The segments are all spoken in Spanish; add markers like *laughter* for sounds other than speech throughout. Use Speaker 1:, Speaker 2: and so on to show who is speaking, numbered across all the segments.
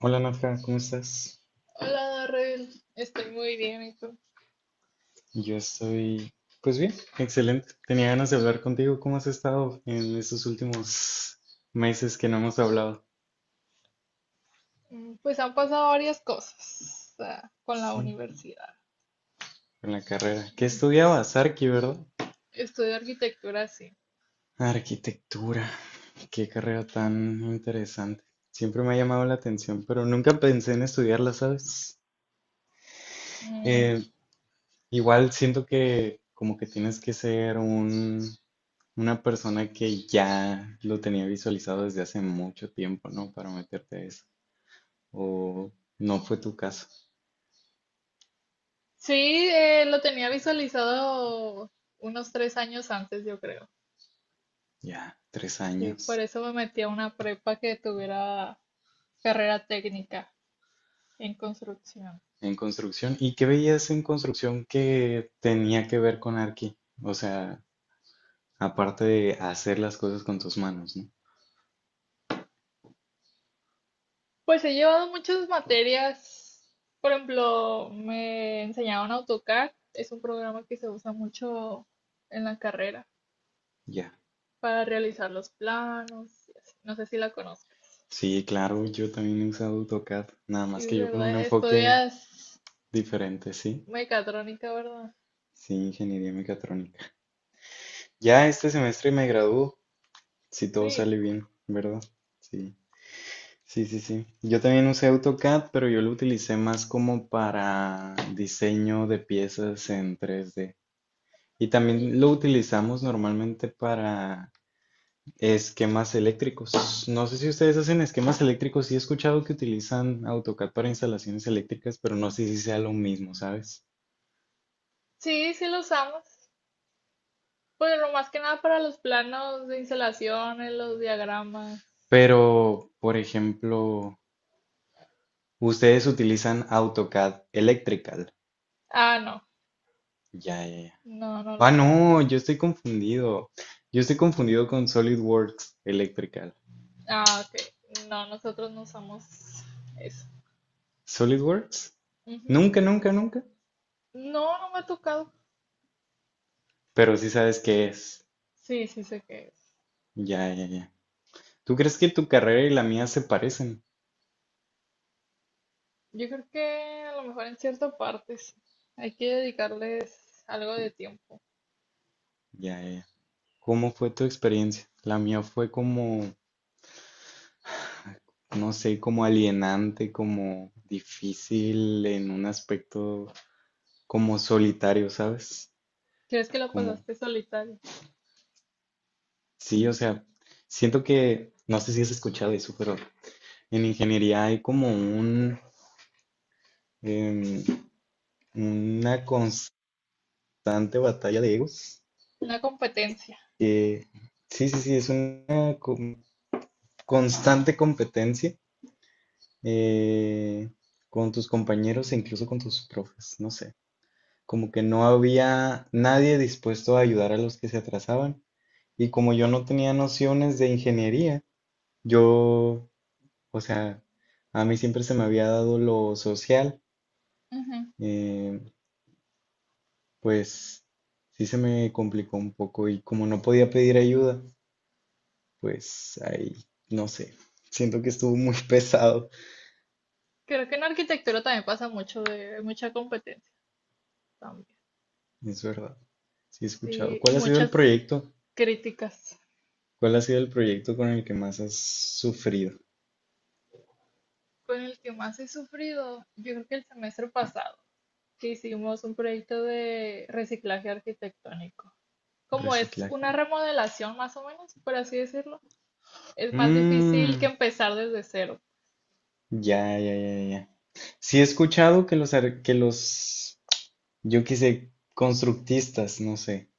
Speaker 1: Hola Nadja, ¿cómo estás?
Speaker 2: Hola, Darrell, estoy muy bien, ¿y tú?
Speaker 1: Yo estoy, pues bien, excelente. Tenía ganas de hablar contigo. ¿Cómo has estado en estos últimos meses que no hemos hablado?
Speaker 2: Pues han pasado varias cosas con la
Speaker 1: Sí,
Speaker 2: universidad.
Speaker 1: en la carrera. ¿Qué
Speaker 2: Mm, s-
Speaker 1: estudiabas? Arqui, ¿verdad?
Speaker 2: Estudio arquitectura, sí.
Speaker 1: Arquitectura. Qué carrera tan interesante. Siempre me ha llamado la atención, pero nunca pensé en estudiarla, ¿sabes?
Speaker 2: Mm,
Speaker 1: Eh, Igual siento que como que tienes que ser un una persona que ya lo tenía visualizado desde hace mucho tiempo, ¿no? Para meterte a eso. O no fue tu caso.
Speaker 2: Sí, lo tenía visualizado unos 3 años antes, yo creo.
Speaker 1: Ya, tres
Speaker 2: Sí, por
Speaker 1: años
Speaker 2: eso me metí a una prepa que tuviera carrera técnica en construcción.
Speaker 1: en construcción. ¿Y qué veías en construcción que tenía que ver con Arqui? O sea, aparte de hacer las cosas con tus manos, ¿no?
Speaker 2: Pues he llevado muchas materias. Por ejemplo, me enseñaron AutoCAD, es un programa que se usa mucho en la carrera,
Speaker 1: Ya.
Speaker 2: para realizar los planos y así. No sé si la conozcas.
Speaker 1: Sí, claro, yo también he usado AutoCAD, nada
Speaker 2: Y
Speaker 1: más
Speaker 2: es
Speaker 1: que yo con un
Speaker 2: verdad,
Speaker 1: enfoque
Speaker 2: estudias
Speaker 1: diferente, sí.
Speaker 2: mecatrónica, ¿verdad?
Speaker 1: Sí, ingeniería mecatrónica. Ya este semestre me gradúo, si todo
Speaker 2: Sí.
Speaker 1: sale bien, ¿verdad? Sí. Sí, sí, sí. Yo también usé AutoCAD, pero yo lo utilicé más como para diseño de piezas en 3D. Y
Speaker 2: Oye,
Speaker 1: también lo utilizamos normalmente para esquemas eléctricos. No sé si ustedes hacen esquemas eléctricos. Sí he escuchado que utilizan AutoCAD para instalaciones eléctricas, pero no sé si sea lo mismo, ¿sabes?
Speaker 2: sí, sí lo usamos. Pues lo más que nada para los planos de instalaciones, los diagramas.
Speaker 1: Pero, por ejemplo, ustedes utilizan AutoCAD Electrical.
Speaker 2: Ah, no.
Speaker 1: Ya, ya, ya.
Speaker 2: No, no lo
Speaker 1: Ah, no,
Speaker 2: usamos.
Speaker 1: yo estoy confundido. Yo estoy confundido con SolidWorks Electrical.
Speaker 2: Ah, ok. No, nosotros no usamos eso.
Speaker 1: ¿SolidWorks?
Speaker 2: Ujú.
Speaker 1: Nunca, nunca, nunca.
Speaker 2: No, no me ha tocado.
Speaker 1: Pero sí sabes qué es.
Speaker 2: Sí, sí sé qué es.
Speaker 1: Ya, ya, ya. ¿Tú crees que tu carrera y la mía se parecen?
Speaker 2: Yo creo que a lo mejor en cierta parte sí. Hay que dedicarles algo de tiempo.
Speaker 1: Ya, ya, ya. ¿Cómo fue tu experiencia? La mía fue como, no sé, como alienante, como difícil en un aspecto como solitario, ¿sabes?
Speaker 2: ¿Crees que lo
Speaker 1: Como,
Speaker 2: pasaste solitario?
Speaker 1: sí, o sea, siento que, no sé si has escuchado eso, pero en ingeniería hay como em, una constante batalla de egos.
Speaker 2: Una competencia.
Speaker 1: que- sí, sí, sí, es una constante competencia, eh, con tus compañeros e incluso con tus profes, no sé. Como que no había nadie dispuesto a ayudar a los que se atrasaban. Y como yo no tenía nociones de ingeniería, yo, o sea, a mí siempre se me había dado lo social.
Speaker 2: Ujú.
Speaker 1: eh, Pues sí se me complicó un poco y como no podía pedir ayuda, pues ahí, no sé, siento que estuvo muy *laughs* pesado,
Speaker 2: Creo que en arquitectura también pasa mucho de mucha competencia también.
Speaker 1: es verdad. Sí he escuchado.
Speaker 2: Sí, y
Speaker 1: ¿Cuál ha sido el
Speaker 2: muchas
Speaker 1: proyecto?
Speaker 2: críticas.
Speaker 1: ¿Cuál ha sido el proyecto con el que más has sufrido?
Speaker 2: Con el que más he sufrido, yo creo que el semestre pasado, que hicimos un proyecto de reciclaje arquitectónico. Como es
Speaker 1: Reciclaje.
Speaker 2: una remodelación más o menos, por así decirlo, es más difícil que
Speaker 1: Mm,
Speaker 2: empezar desde cero.
Speaker 1: ya, ya, ya, ya. Sí he escuchado que los, yo qué sé, constructistas, no sé,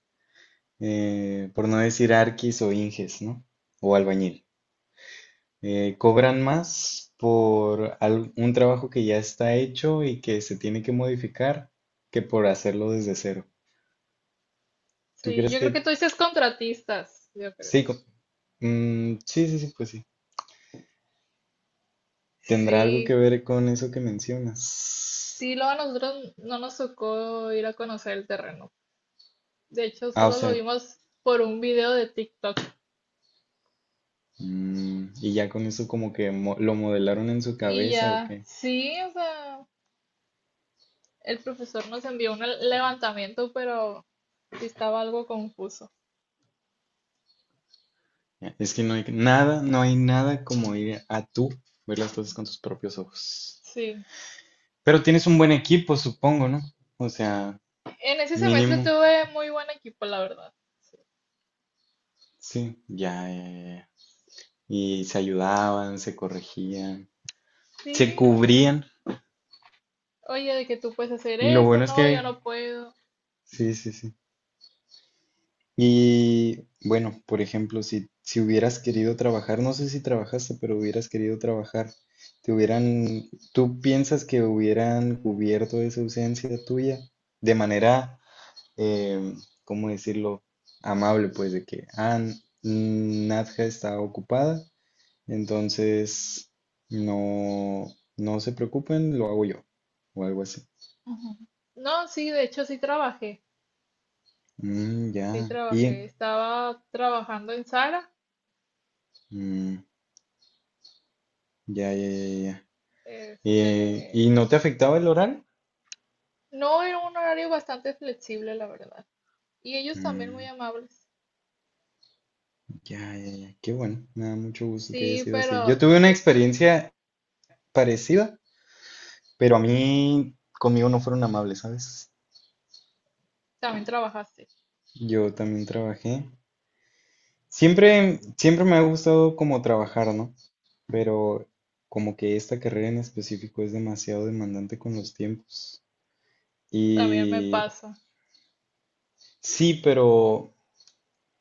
Speaker 1: por no decir arquis o inges, ¿no? O albañil. Cobran más por un trabajo que ya está hecho y que se tiene que modificar que por hacerlo desde cero. ¿Tú
Speaker 2: Sí,
Speaker 1: crees
Speaker 2: yo creo que tú
Speaker 1: que
Speaker 2: dices contratistas, yo creo.
Speaker 1: sí? Sí, sí, sí, pues sí. ¿Tendrá algo que
Speaker 2: Sí,
Speaker 1: ver con eso que mencionas?
Speaker 2: sí, luego a nosotros no nos tocó ir a conocer el terreno. De hecho,
Speaker 1: Ah, o
Speaker 2: solo lo
Speaker 1: sea,
Speaker 2: vimos por un video de TikTok.
Speaker 1: y ya con eso como que lo modelaron en su
Speaker 2: Y
Speaker 1: cabeza o
Speaker 2: ya,
Speaker 1: qué.
Speaker 2: sí, o sea, el profesor nos envió un levantamiento, pero sí estaba algo confuso.
Speaker 1: Es que no hay nada, no hay nada como ir a tú ver las cosas con tus propios ojos.
Speaker 2: Sí.
Speaker 1: Pero tienes un buen equipo, supongo, ¿no? O sea,
Speaker 2: En ese semestre
Speaker 1: mínimo.
Speaker 2: tuve muy buen equipo, la verdad. Sí.
Speaker 1: Sí, ya, ya, ya, ya. Y se ayudaban, se corregían, se
Speaker 2: Sí,
Speaker 1: cubrían.
Speaker 2: oye, de que tú puedes hacer
Speaker 1: Y lo
Speaker 2: eso,
Speaker 1: bueno es
Speaker 2: no, yo
Speaker 1: que,
Speaker 2: no puedo.
Speaker 1: sí, sí, sí. Y bueno, por ejemplo, si hubieras querido trabajar, no sé si trabajaste, pero hubieras querido trabajar, ¿tú piensas que hubieran cubierto esa ausencia tuya de manera, eh, ¿cómo decirlo? Amable, pues de que, ah, Nadja está ocupada, entonces, no, no se preocupen, lo hago yo. O algo así.
Speaker 2: Ujú. No, sí, de hecho sí trabajé, sí
Speaker 1: Ya.
Speaker 2: trabajé. Estaba trabajando en Sara,
Speaker 1: Mm, ya, ya, ya, ya.
Speaker 2: este,
Speaker 1: ¿Y no te afectaba el oral?
Speaker 2: No, era un horario bastante flexible, la verdad. Y ellos también muy
Speaker 1: Mm,
Speaker 2: amables.
Speaker 1: ya, ya, ya. Qué bueno. Me da mucho gusto que haya
Speaker 2: Sí,
Speaker 1: sido así. Yo
Speaker 2: pero
Speaker 1: tuve una
Speaker 2: sí,
Speaker 1: experiencia parecida, pero a mí, conmigo no fueron amables, ¿sabes?
Speaker 2: también trabajaste.
Speaker 1: Yo también trabajé. Siempre, siempre me ha gustado como trabajar, ¿no? Pero como que esta carrera en específico es demasiado demandante con los tiempos.
Speaker 2: También me
Speaker 1: Y
Speaker 2: pasa.
Speaker 1: sí, pero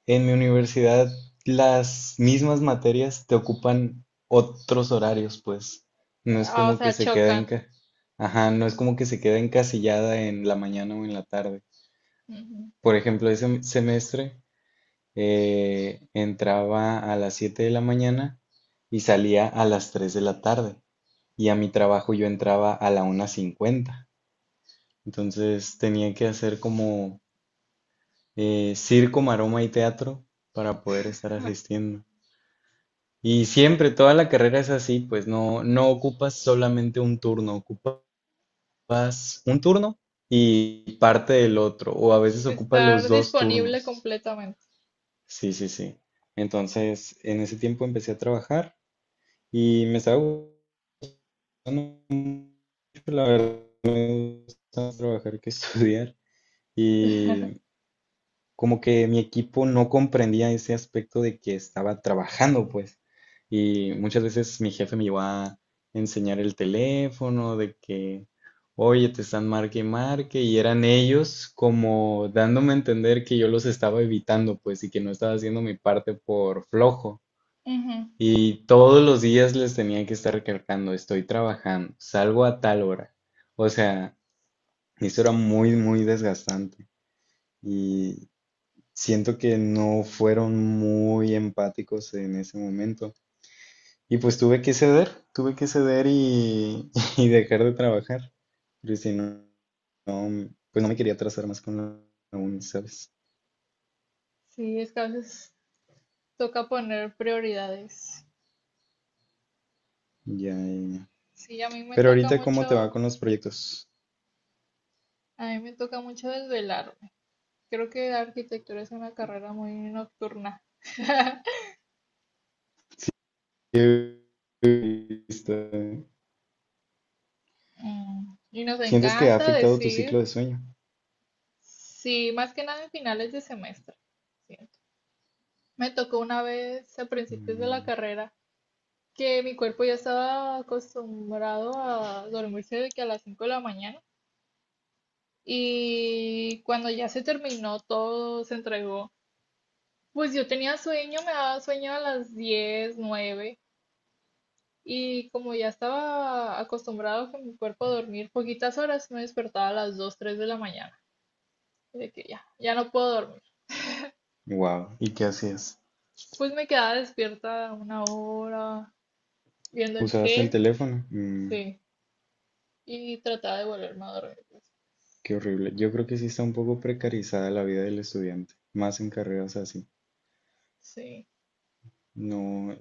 Speaker 1: en mi universidad las mismas materias te ocupan otros horarios, pues. No es
Speaker 2: Ah, o
Speaker 1: como que
Speaker 2: sea,
Speaker 1: se queda
Speaker 2: chocan.
Speaker 1: ajá, no es como que se queda encasillada en la mañana o en la tarde.
Speaker 2: Ujú.
Speaker 1: Por ejemplo, ese semestre entraba a las 7 de la mañana y salía a las 3 de la tarde. Y a mi trabajo yo entraba a la 1:50. Entonces tenía que hacer como circo, maroma y teatro para poder estar asistiendo. Y siempre, toda la carrera es así, pues no, no ocupas solamente un turno, ocupas un turno y parte del otro, o a veces ocupas
Speaker 2: Estar
Speaker 1: los dos
Speaker 2: disponible
Speaker 1: turnos.
Speaker 2: completamente.
Speaker 1: Sí, sí, sí. Entonces, en ese tiempo empecé a trabajar. Y me estaba gustando mucho, la verdad, más trabajar que *laughs* estudiar. Y como que mi equipo no comprendía ese aspecto de que estaba trabajando, pues. Y muchas veces mi jefe me iba a enseñar el teléfono, de que, oye, te están marque y marque, y eran ellos como dándome a entender que yo los estaba evitando, pues, y que no estaba haciendo mi parte por flojo.
Speaker 2: Ujú.
Speaker 1: Y todos los días les tenía que estar recalcando, estoy trabajando, salgo a tal hora. O sea, eso era muy, muy desgastante. Y siento que no fueron muy empáticos en ese momento. Y pues tuve que ceder y, *laughs* y dejar de trabajar. Pero si no, pues no me quería atrasar más con la uni, ¿sabes?
Speaker 2: Sí, es que a veces toca poner prioridades.
Speaker 1: Ya, ya, ya.
Speaker 2: Sí,
Speaker 1: Pero ahorita, ¿cómo te va con los proyectos?
Speaker 2: a mí me toca mucho desvelarme. Creo que la arquitectura es una carrera muy nocturna.
Speaker 1: ¿Qué- qué-
Speaker 2: Mm. Y nos
Speaker 1: ¿Sientes que ha
Speaker 2: encanta
Speaker 1: afectado tu
Speaker 2: decir
Speaker 1: ciclo de sueño?
Speaker 2: sí, más que nada en finales de semestre, siento. Me tocó una vez a principios de la carrera que mi cuerpo ya estaba acostumbrado a dormirse de que a las 5 de la mañana, y cuando ya se terminó todo, se entregó. Pues yo tenía sueño, me daba sueño a las 10 9, y como ya estaba acostumbrado con mi cuerpo a dormir poquitas horas, me despertaba a las 2 3 de la mañana. De que ya, ya no puedo dormir.
Speaker 1: Wow. ¿Y qué hacías?
Speaker 2: Pues me quedaba despierta una hora, viendo el
Speaker 1: ¿Usabas el
Speaker 2: cel,
Speaker 1: teléfono?
Speaker 2: sí. Y trataba de volverme a dormir.
Speaker 1: Qué horrible. Yo creo que sí está un poco precarizada la vida del estudiante, más en carreras así.
Speaker 2: Sí.
Speaker 1: No,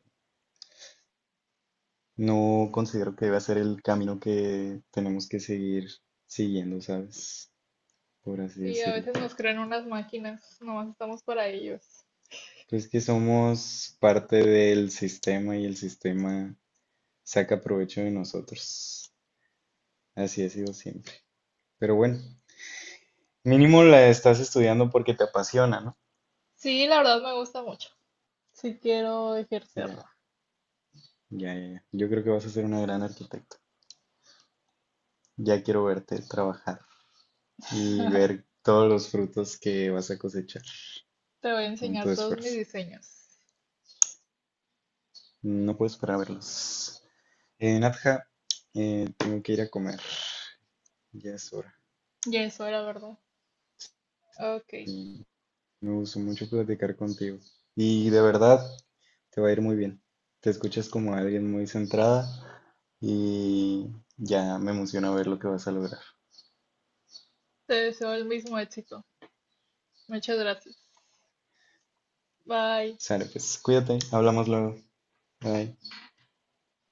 Speaker 1: no considero que deba ser el camino que tenemos que seguir siguiendo, ¿sabes? Por así
Speaker 2: Sí, a
Speaker 1: decirlo.
Speaker 2: veces nos crean unas máquinas, nomás estamos para ellos.
Speaker 1: Pues que somos parte del sistema y el sistema saca provecho de nosotros. Así ha sido siempre. Pero bueno, mínimo la estás estudiando porque te apasiona, ¿no?
Speaker 2: Sí, la verdad me gusta mucho. Sí quiero
Speaker 1: Ya.
Speaker 2: ejercerla.
Speaker 1: Ya, ya, ya. Yo creo que vas a ser una gran arquitecta. Ya quiero verte trabajar y
Speaker 2: *laughs*
Speaker 1: ver todos los frutos que vas a cosechar
Speaker 2: Te voy a
Speaker 1: con tu
Speaker 2: enseñar todos mis
Speaker 1: esfuerzo.
Speaker 2: diseños.
Speaker 1: No puedo esperar a verlos. Nadja, tengo que ir a comer. Ya es hora.
Speaker 2: Y eso era verdad. Ok.
Speaker 1: Y me gustó mucho platicar contigo. Y de verdad, te va a ir muy bien. Te escuchas como alguien muy centrada y ya me emociona ver lo que vas a lograr.
Speaker 2: Te deseo el mismo éxito. Muchas gracias. Bye.
Speaker 1: Sale, pues cuídate, hablamos luego. Bye.